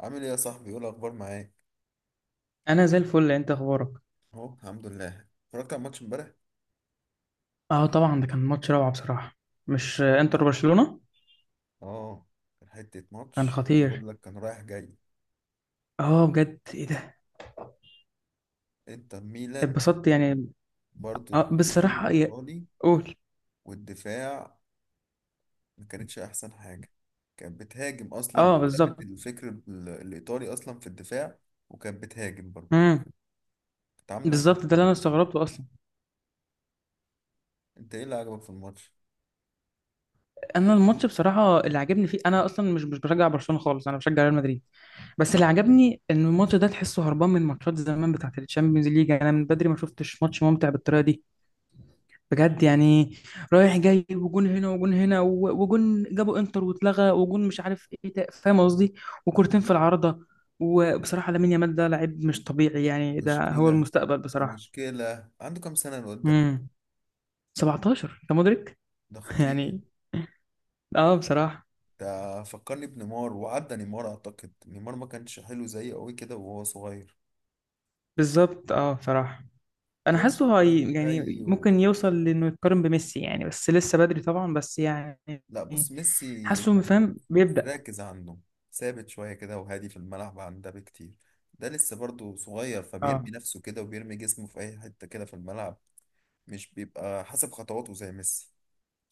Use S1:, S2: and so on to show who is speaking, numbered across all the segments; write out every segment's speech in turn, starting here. S1: عامل ايه يا صاحبي، ايه الاخبار معاك؟
S2: انا زي الفل. انت اخبارك؟
S1: اهو الحمد لله، اتفرجت على الماتش امبارح.
S2: اه طبعا ده كان ماتش روعه بصراحه. مش انتر برشلونه.
S1: اه، كان حته
S2: كان
S1: ماتش،
S2: خطير.
S1: بقول لك كان رايح جاي،
S2: اه بجد، ايه ده؟
S1: انتر ميلان.
S2: اتبسطت يعني.
S1: برضو
S2: اه
S1: التفكير
S2: بصراحه
S1: الايطالي
S2: قول.
S1: والدفاع ما كانتش احسن حاجه. كانت بتهاجم اصلا،
S2: اه
S1: ثابت
S2: بالظبط.
S1: الفكر الايطالي اصلا في الدفاع. وكانت بتهاجم برضو،
S2: امم.
S1: كانت عامله هجمات
S2: بالظبط ده اللي
S1: حلوة
S2: انا
S1: بصراحة.
S2: استغربته اصلا.
S1: انت ايه اللي عجبك في الماتش؟
S2: انا الماتش بصراحه اللي عجبني فيه، انا اصلا مش بشجع برشلونه خالص، انا بشجع ريال مدريد. بس اللي عجبني ان الماتش ده تحسه هربان من ماتشات زمان بتاعه الشامبيونز ليج، يعني انا من بدري ما شفتش ماتش ممتع بالطريقه دي. بجد يعني. رايح جاي، وجون هنا وجون هنا وجون جابوا انتر واتلغى وجون مش عارف ايه فاهم قصدي. وكورتين في العارضة. وبصراحة لامين يامال ده لعيب مش طبيعي، يعني ده هو
S1: مشكله
S2: المستقبل بصراحة.
S1: مشكله عنده كام سنه الواد ده؟
S2: امم. 17، انت مدرك؟
S1: ده خطير.
S2: يعني. اه بصراحة.
S1: ده فكرني بنيمار، وعدى نيمار، اعتقد نيمار ما كانش حلو زيه قوي كده وهو صغير.
S2: بالظبط، اه بصراحة. انا
S1: الواد
S2: حاسه
S1: ده
S2: هي
S1: كي
S2: يعني
S1: و...
S2: ممكن يوصل لانه يتقارن بميسي يعني، بس لسه بدري طبعا، بس يعني.
S1: لا، بص، ميسي
S2: حاسه فاهم بيبدأ.
S1: راكز عنده، ثابت شوية كده وهادي في الملعب عن ده بكتير. ده لسه برضه صغير،
S2: اه.
S1: فبيرمي نفسه كده وبيرمي جسمه في أي حتة كده في الملعب. مش بيبقى حسب خطواته زي ميسي،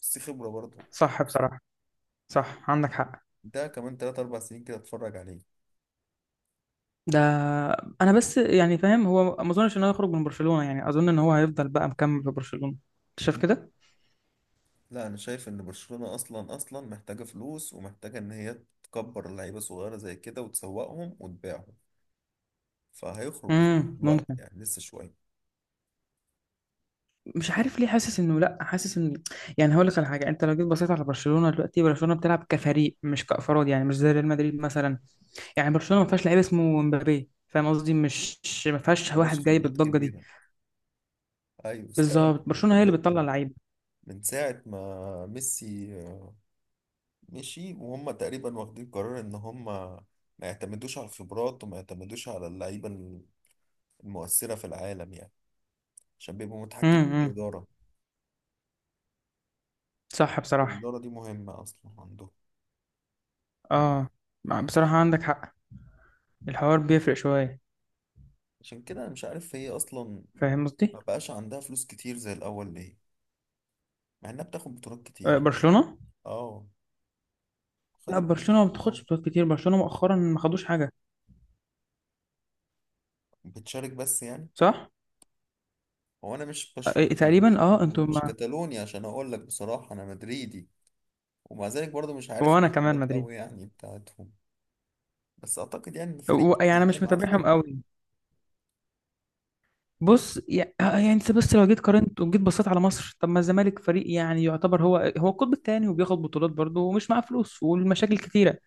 S1: بس خبرة برضه.
S2: صح بصراحة. صح، عندك حق.
S1: ده كمان 3 4 سنين كده اتفرج عليه.
S2: ده انا بس يعني فاهم هو ما اظنش ان هو يخرج من برشلونة، يعني اظن ان هو هيفضل بقى مكمل في برشلونة. انت شايف كده؟
S1: لا، أنا شايف إن برشلونة أصلا محتاجة فلوس، ومحتاجة إن هي تكبر لعيبة صغيرة زي كده وتسوقهم وتبيعهم. فهيخرج، بس في
S2: امم،
S1: الوقت
S2: ممكن.
S1: يعني لسه شوية.
S2: مش عارف ليه حاسس انه لا، حاسس ان يعني هقول لك على حاجه، انت لو جيت بصيت على برشلونه دلوقتي، برشلونه بتلعب كفريق مش كافراد، يعني مش زي ريال مدريد مثلا. يعني برشلونه ما فيهاش لعيب اسمه مبابي، فاهم قصدي؟ مش ما فيهاش
S1: مبقاش
S2: واحد جاي
S1: خبرات
S2: بالضجه دي.
S1: كبيرة. أيوة، استغنى
S2: بالظبط،
S1: عن
S2: برشلونه هي اللي بتطلع
S1: خبراتهم.
S2: لعيب.
S1: من ساعة ما ميسي مشي، وهم تقريبا واخدين قرار إن هم ما يعتمدوش على الخبرات وما يعتمدوش على اللعيبة المؤثرة في العالم يعني، عشان بيبقوا متحكمين في
S2: امم.
S1: الإدارة.
S2: صح بصراحه.
S1: الإدارة دي مهمة أصلا عندهم.
S2: اه بصراحه عندك حق. الحوار بيفرق شويه.
S1: عشان كده أنا مش عارف، هي أصلا
S2: فاهم قصدي.
S1: ما بقاش عندها فلوس كتير زي الأول ليه، مع إنها بتاخد بطولات كتير.
S2: برشلونه.
S1: أه، خدت
S2: لا،
S1: بطولات
S2: برشلونة ما
S1: كتير
S2: بتاخدش
S1: أوي.
S2: بطولات كتير، برشلونة مؤخرا ما خدوش حاجة.
S1: بتشارك بس يعني.
S2: صح؟
S1: هو انا مش برشلوني يعني، مش
S2: تقريبا. اه انتوا
S1: مش
S2: ما
S1: كتالوني، عشان اقول لك بصراحه انا مدريدي. ومع ذلك برضه مش عارف
S2: وانا كمان
S1: البطولات
S2: مدريد.
S1: قوي يعني بتاعتهم. بس اعتقد يعني ان الفريق
S2: يعني انا
S1: ده
S2: مش
S1: معاه
S2: متابعهم
S1: فلوس،
S2: قوي. بص يعني انت بس لو جيت قارنت وجيت بصيت على مصر، طب ما الزمالك فريق يعني يعتبر هو هو القطب الثاني، وبياخد بطولات برضه ومش معاه فلوس، والمشاكل كتيرة.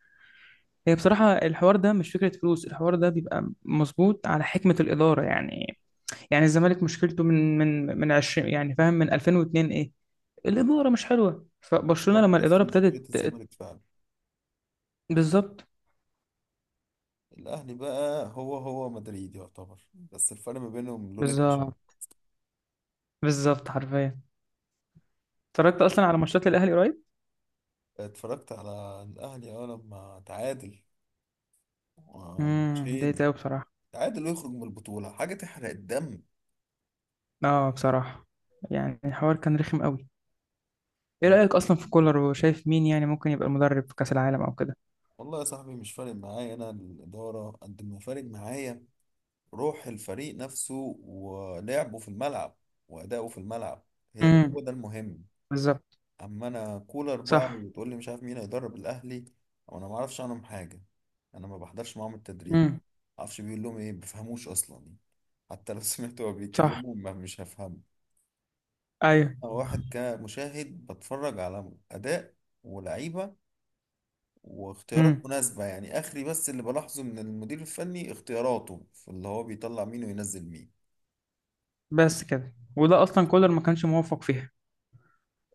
S2: هي بصراحة الحوار ده مش فكرة فلوس، الحوار ده بيبقى مظبوط على حكمة الإدارة يعني. يعني الزمالك مشكلته من 20، يعني فاهم، من 2002 ايه. الإدارة مش حلوة، فبرشلونة
S1: بسبب
S2: لما
S1: نفس
S2: الإدارة
S1: مشكله
S2: ابتدت.
S1: الزمالك فعلا.
S2: بالظبط.
S1: الاهلي بقى هو هو مدريد يعتبر، بس الفرق ما بينهم لون التيشيرت.
S2: بالظبط. بالظبط حرفيا. اتفرجت اصلا على ماتشات الاهلي قريب.
S1: اتفرجت على الاهلي لما تعادل،
S2: امم. اتضايقت
S1: 2 ماتش.
S2: قوي بصراحه.
S1: تعادل ويخرج من البطوله، حاجه تحرق الدم.
S2: اه بصراحه. يعني الحوار كان رخم قوي. ايه رايك اصلا في كولر؟ وشايف مين يعني ممكن يبقى المدرب في كاس العالم او كده؟
S1: والله يا صاحبي مش فارق معايا، انا الاداره قد ما فارق معايا روح الفريق نفسه، ولعبه في الملعب، وأداؤه في الملعب، هي ده
S2: امم.
S1: هو ده المهم.
S2: بالظبط.
S1: أما أنا كولر بقى
S2: صح.
S1: وتقول لي مش عارف مين هيدرب الأهلي، أو أنا ما أعرفش عنهم حاجة، أنا ما بحضرش معاهم التدريب،
S2: امم.
S1: ما أعرفش بيقول لهم إيه، ما بفهموش أصلا. حتى لو سمعت هو
S2: صح.
S1: بيتكلموا ما مش هفهمه.
S2: ايوه.
S1: أنا واحد كمشاهد بتفرج على أداء ولعيبة واختيارات
S2: امم.
S1: مناسبة يعني، آخري بس اللي بلاحظه من المدير الفني اختياراته في اللي هو بيطلع مين وينزل مين.
S2: بس كده. وده اصلا كولر ما كانش موفق فيها.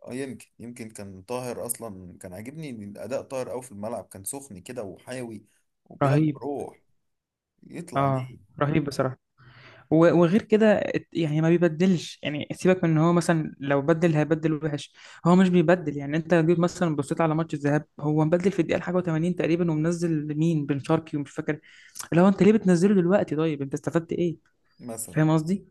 S1: اه، يمكن كان طاهر اصلا، كان عاجبني اداء طاهر قوي في الملعب، كان سخن كده وحيوي وبيلعب
S2: رهيب.
S1: بروح، يطلع
S2: اه،
S1: ليه
S2: رهيب بصراحه. وغير كده يعني ما بيبدلش، يعني سيبك من ان هو مثلا لو بدل هيبدل وحش. هو مش بيبدل، يعني انت لو جيت مثلا بصيت على ماتش الذهاب، هو مبدل في الدقيقه حاجه و80 تقريبا، ومنزل مين بن شرقي ومش فاكر. اللي هو انت ليه بتنزله دلوقتي؟ طيب انت استفدت ايه؟
S1: مثلا.
S2: فاهم قصدي.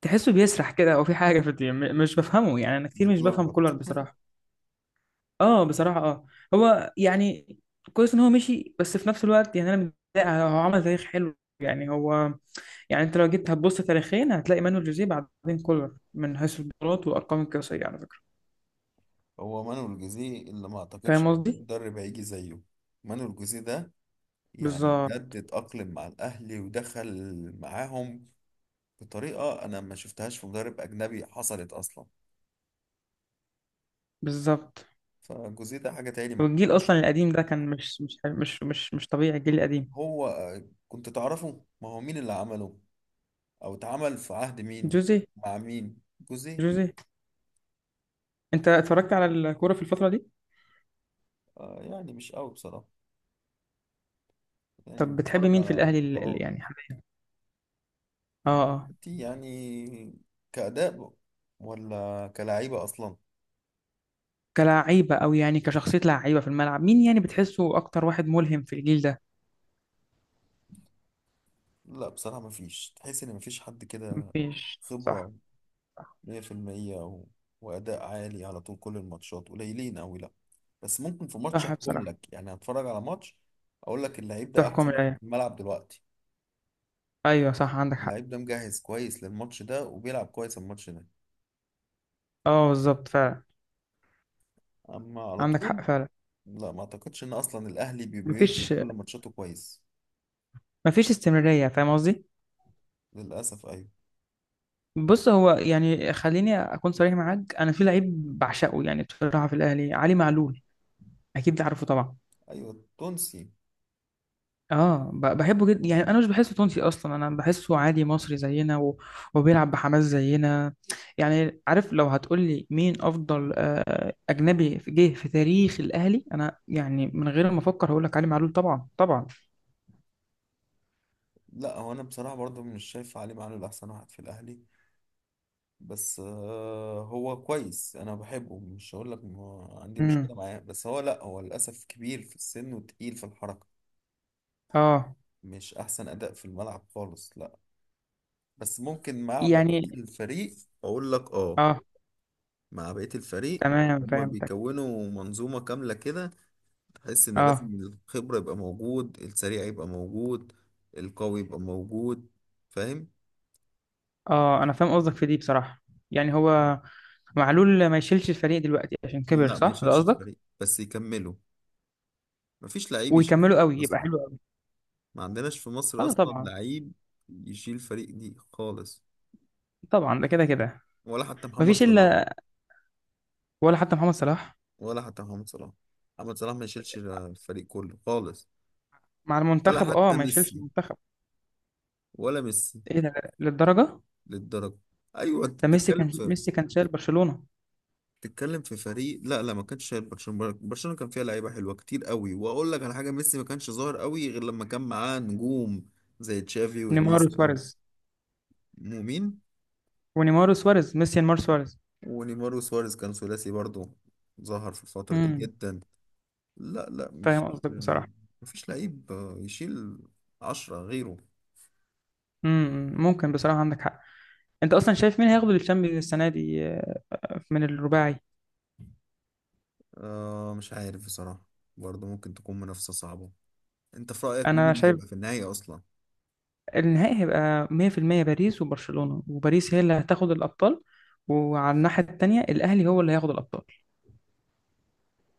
S2: تحسه بيسرح كده، او في حاجه في الدنيا مش بفهمه، يعني انا كتير مش بفهم كولر
S1: يتلخبط.
S2: بصراحه. اه بصراحه، اه. هو يعني كويس ان هو مشي، بس في نفس الوقت يعني انا متضايق، هو عمل تاريخ حلو يعني هو. يعني انت لو جيت هتبص تاريخيا هتلاقي مانويل جوزيه بعدين كولر، من حيث البطولات والارقام القياسيه على فكره.
S1: هو مانويل جوزيه اللي ما اعتقدش
S2: فاهم
S1: إن
S2: قصدي.
S1: مدرب هيجي زيه. مانويل جوزيه ده، يعني
S2: بالظبط.
S1: بجد اتأقلم مع الاهلي ودخل معاهم بطريقة انا ما شفتهاش في مدرب اجنبي حصلت اصلا.
S2: بالظبط.
S1: فجوزيه ده حاجة تاني ممكن.
S2: والجيل اصلا القديم ده كان مش طبيعي، الجيل القديم.
S1: هو كنت تعرفه ما هو مين اللي عمله، او اتعمل في عهد مين،
S2: جوزيه.
S1: مع مين؟ جوزيه.
S2: جوزيه. انت اتفرجت على الكوره في الفتره دي؟
S1: يعني مش قوي بصراحة، يعني
S2: طب بتحب
S1: بتفرج
S2: مين في
S1: على
S2: الاهلي
S1: بطولات.
S2: يعني حاليا؟ اه، اه.
S1: انت يعني كأداء ولا كلعيبة أصلا؟
S2: كلاعيبه او يعني كشخصيه لعيبه في الملعب، مين يعني بتحسه اكتر واحد ملهم في الجيل ده؟
S1: لا بصراحة مفيش، تحس إن مفيش حد كده،
S2: مفيش، صح.
S1: خبرة
S2: صح.
S1: 100% و... وأداء عالي على طول كل الماتشات قليلين أوي، لا. بس ممكن في ماتش
S2: صح
S1: أحكم
S2: بصراحه.
S1: لك، يعني هتفرج على ماتش أقول لك اللعيب ده أحسن
S2: تحكم
S1: واحد
S2: العين.
S1: في الملعب دلوقتي،
S2: ايوه، صح، عندك حق.
S1: اللعيب ده مجهز كويس للماتش ده وبيلعب كويس الماتش ده،
S2: اه بالظبط فعلا.
S1: أما على
S2: عندك
S1: طول
S2: حق فعلا.
S1: لا، ما أعتقدش إن أصلا الأهلي بيدخل
S2: مفيش.
S1: كل ماتشاته كويس.
S2: مفيش استمرارية، فاهم قصدي؟
S1: للأسف أيوة.
S2: بص، هو يعني خليني أكون صريح معاك، أنا في لعيب بعشقه يعني بصراحة في الأهلي، علي معلول. أكيد عارفه طبعا.
S1: أيوة، التونسي.
S2: اه بحبه جدا، يعني انا مش بحسه تونسي اصلا، انا بحسه عادي مصري زينا و... وبيلعب بحماس زينا. يعني عارف لو هتقول لي مين افضل اجنبي جه في تاريخ الاهلي، انا يعني من غير ما افكر هقول لك علي معلول طبعا، طبعا.
S1: لا، هو أنا بصراحة برضو مش شايف علي معلول أحسن واحد في الأهلي، بس هو كويس، أنا بحبه، مش هقول لك ما عندي
S2: امم.
S1: مشكلة معاه، بس هو لا هو للأسف كبير في السن وتقيل في الحركة.
S2: اه.
S1: مش أحسن أداء في الملعب خالص، لا. بس ممكن مع بقية
S2: يعني
S1: الفريق أقول لك أه،
S2: اه.
S1: مع بقية الفريق
S2: تمام،
S1: هما
S2: فهمتك.
S1: بيكونوا منظومة كاملة كده، تحس إن لازم
S2: اه،
S1: الخبرة يبقى موجود، السريع يبقى موجود، القوي يبقى موجود، فاهم؟
S2: اه، انا فاهم قصدك في دي بصراحه. يعني هو معلول ما يشيلش الفريق دلوقتي عشان كبر،
S1: لا، ما
S2: صح ده
S1: يشيلش
S2: قصدك؟
S1: الفريق بس يكمله. مفيش لعيب يشيل فريق
S2: ويكملوا قوي يبقى
S1: اصلا،
S2: حلو قوي.
S1: ما عندناش في مصر
S2: اه
S1: اصلا
S2: طبعا.
S1: لعيب يشيل فريق دي خالص.
S2: طبعا ده كده كده.
S1: ولا حتى محمد
S2: مفيش
S1: صلاح،
S2: الا. ولا حتى محمد صلاح.
S1: ولا حتى محمد صلاح، محمد صلاح ما يشيلش الفريق كله خالص.
S2: مع
S1: ولا
S2: المنتخب، اه
S1: حتى
S2: ما يشيلش
S1: ميسي،
S2: المنتخب.
S1: ولا ميسي،
S2: ايه ده؟ للدرجه؟
S1: للدرجة. ايوه، انت
S2: ده ميسي
S1: بتتكلم
S2: كان،
S1: في
S2: ميسي كان شايل برشلونه.
S1: بتتكلم في فريق. لا لا، ما كانش شايل برشلونة، برشلونة كان فيها لعيبة حلوة كتير قوي، واقول لك على حاجة، ميسي ما كانش ظاهر قوي غير لما كان معاه نجوم زي تشافي
S2: نيمار
S1: وانيستا
S2: وسواريز.
S1: ومين؟
S2: ونيمار وسواريز، ميسي نيمار سواريز.
S1: ونيمار وسواريز كان ثلاثي برضو، ظهر في الفترة دي
S2: امم.
S1: جدا. لا لا، مش،
S2: فاهم قصدك
S1: آه،
S2: بصراحه.
S1: مفيش لعيب يشيل 10 غيره.
S2: امم، ممكن بصراحه، عندك حق. انت اصلا شايف مين هياخد الشامبيونز السنه دي من الرباعي؟
S1: مش عارف بصراحة، برضو ممكن تكون منافسة صعبة. انت في رأيك مين
S2: انا
S1: اللي
S2: شايف
S1: هيبقى في النهاية اصلا؟
S2: النهائي هيبقى 100% باريس وبرشلونة، وباريس هي اللي هتاخد الأبطال. وعلى الناحية التانية الأهلي هو اللي هياخد الأبطال.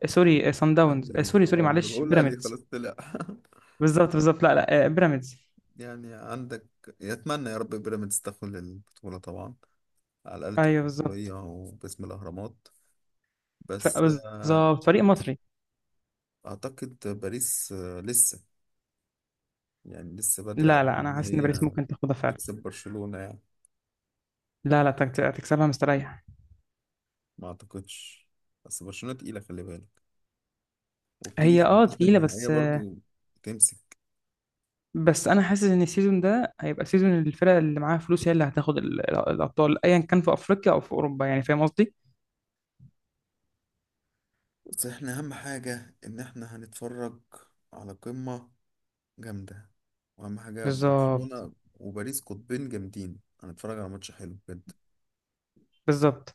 S2: سوري، سان داونز،
S1: اهلي
S2: آه،
S1: ايه؟
S2: سوري سوري
S1: اه، ما انا
S2: معلش،
S1: بقول اهلي
S2: بيراميدز.
S1: خلاص طلع
S2: بالظبط. بالظبط. لا لا، بيراميدز.
S1: يعني. عندك، يتمنى يا رب بيراميدز تاخد البطولة طبعا، على الأقل تبقى
S2: أيوه
S1: بطولية
S2: بالظبط.
S1: وباسم الأهرامات. بس
S2: بالظبط، فريق مصري.
S1: أعتقد باريس لسه، يعني لسه بدري
S2: لا
S1: عليهم
S2: لا، أنا
S1: إن
S2: حاسس إن باريس
S1: هي
S2: ممكن تاخدها فعلا.
S1: تكسب برشلونة يعني.
S2: لا لا، هتكسبها مستريح.
S1: ما اعتقدش، بس برشلونة تقيلة، خلي بالك، وبتيجي
S2: هي
S1: في
S2: أه
S1: الماتش
S2: تقيلة
S1: النهائية
S2: بس.
S1: برضو، تمسك.
S2: بس أنا حاسس إن السيزون ده هيبقى سيزون الفرق اللي معاها فلوس هي اللي هتاخد الأبطال، أيا كان في أفريقيا أو في أوروبا، يعني فاهم قصدي؟
S1: بس احنا اهم حاجة ان احنا هنتفرج على قمة جامدة، واهم حاجة
S2: بالظبط.
S1: برشلونة وباريس قطبين جامدين، هنتفرج على ماتش حلو بجد.
S2: بالظبط.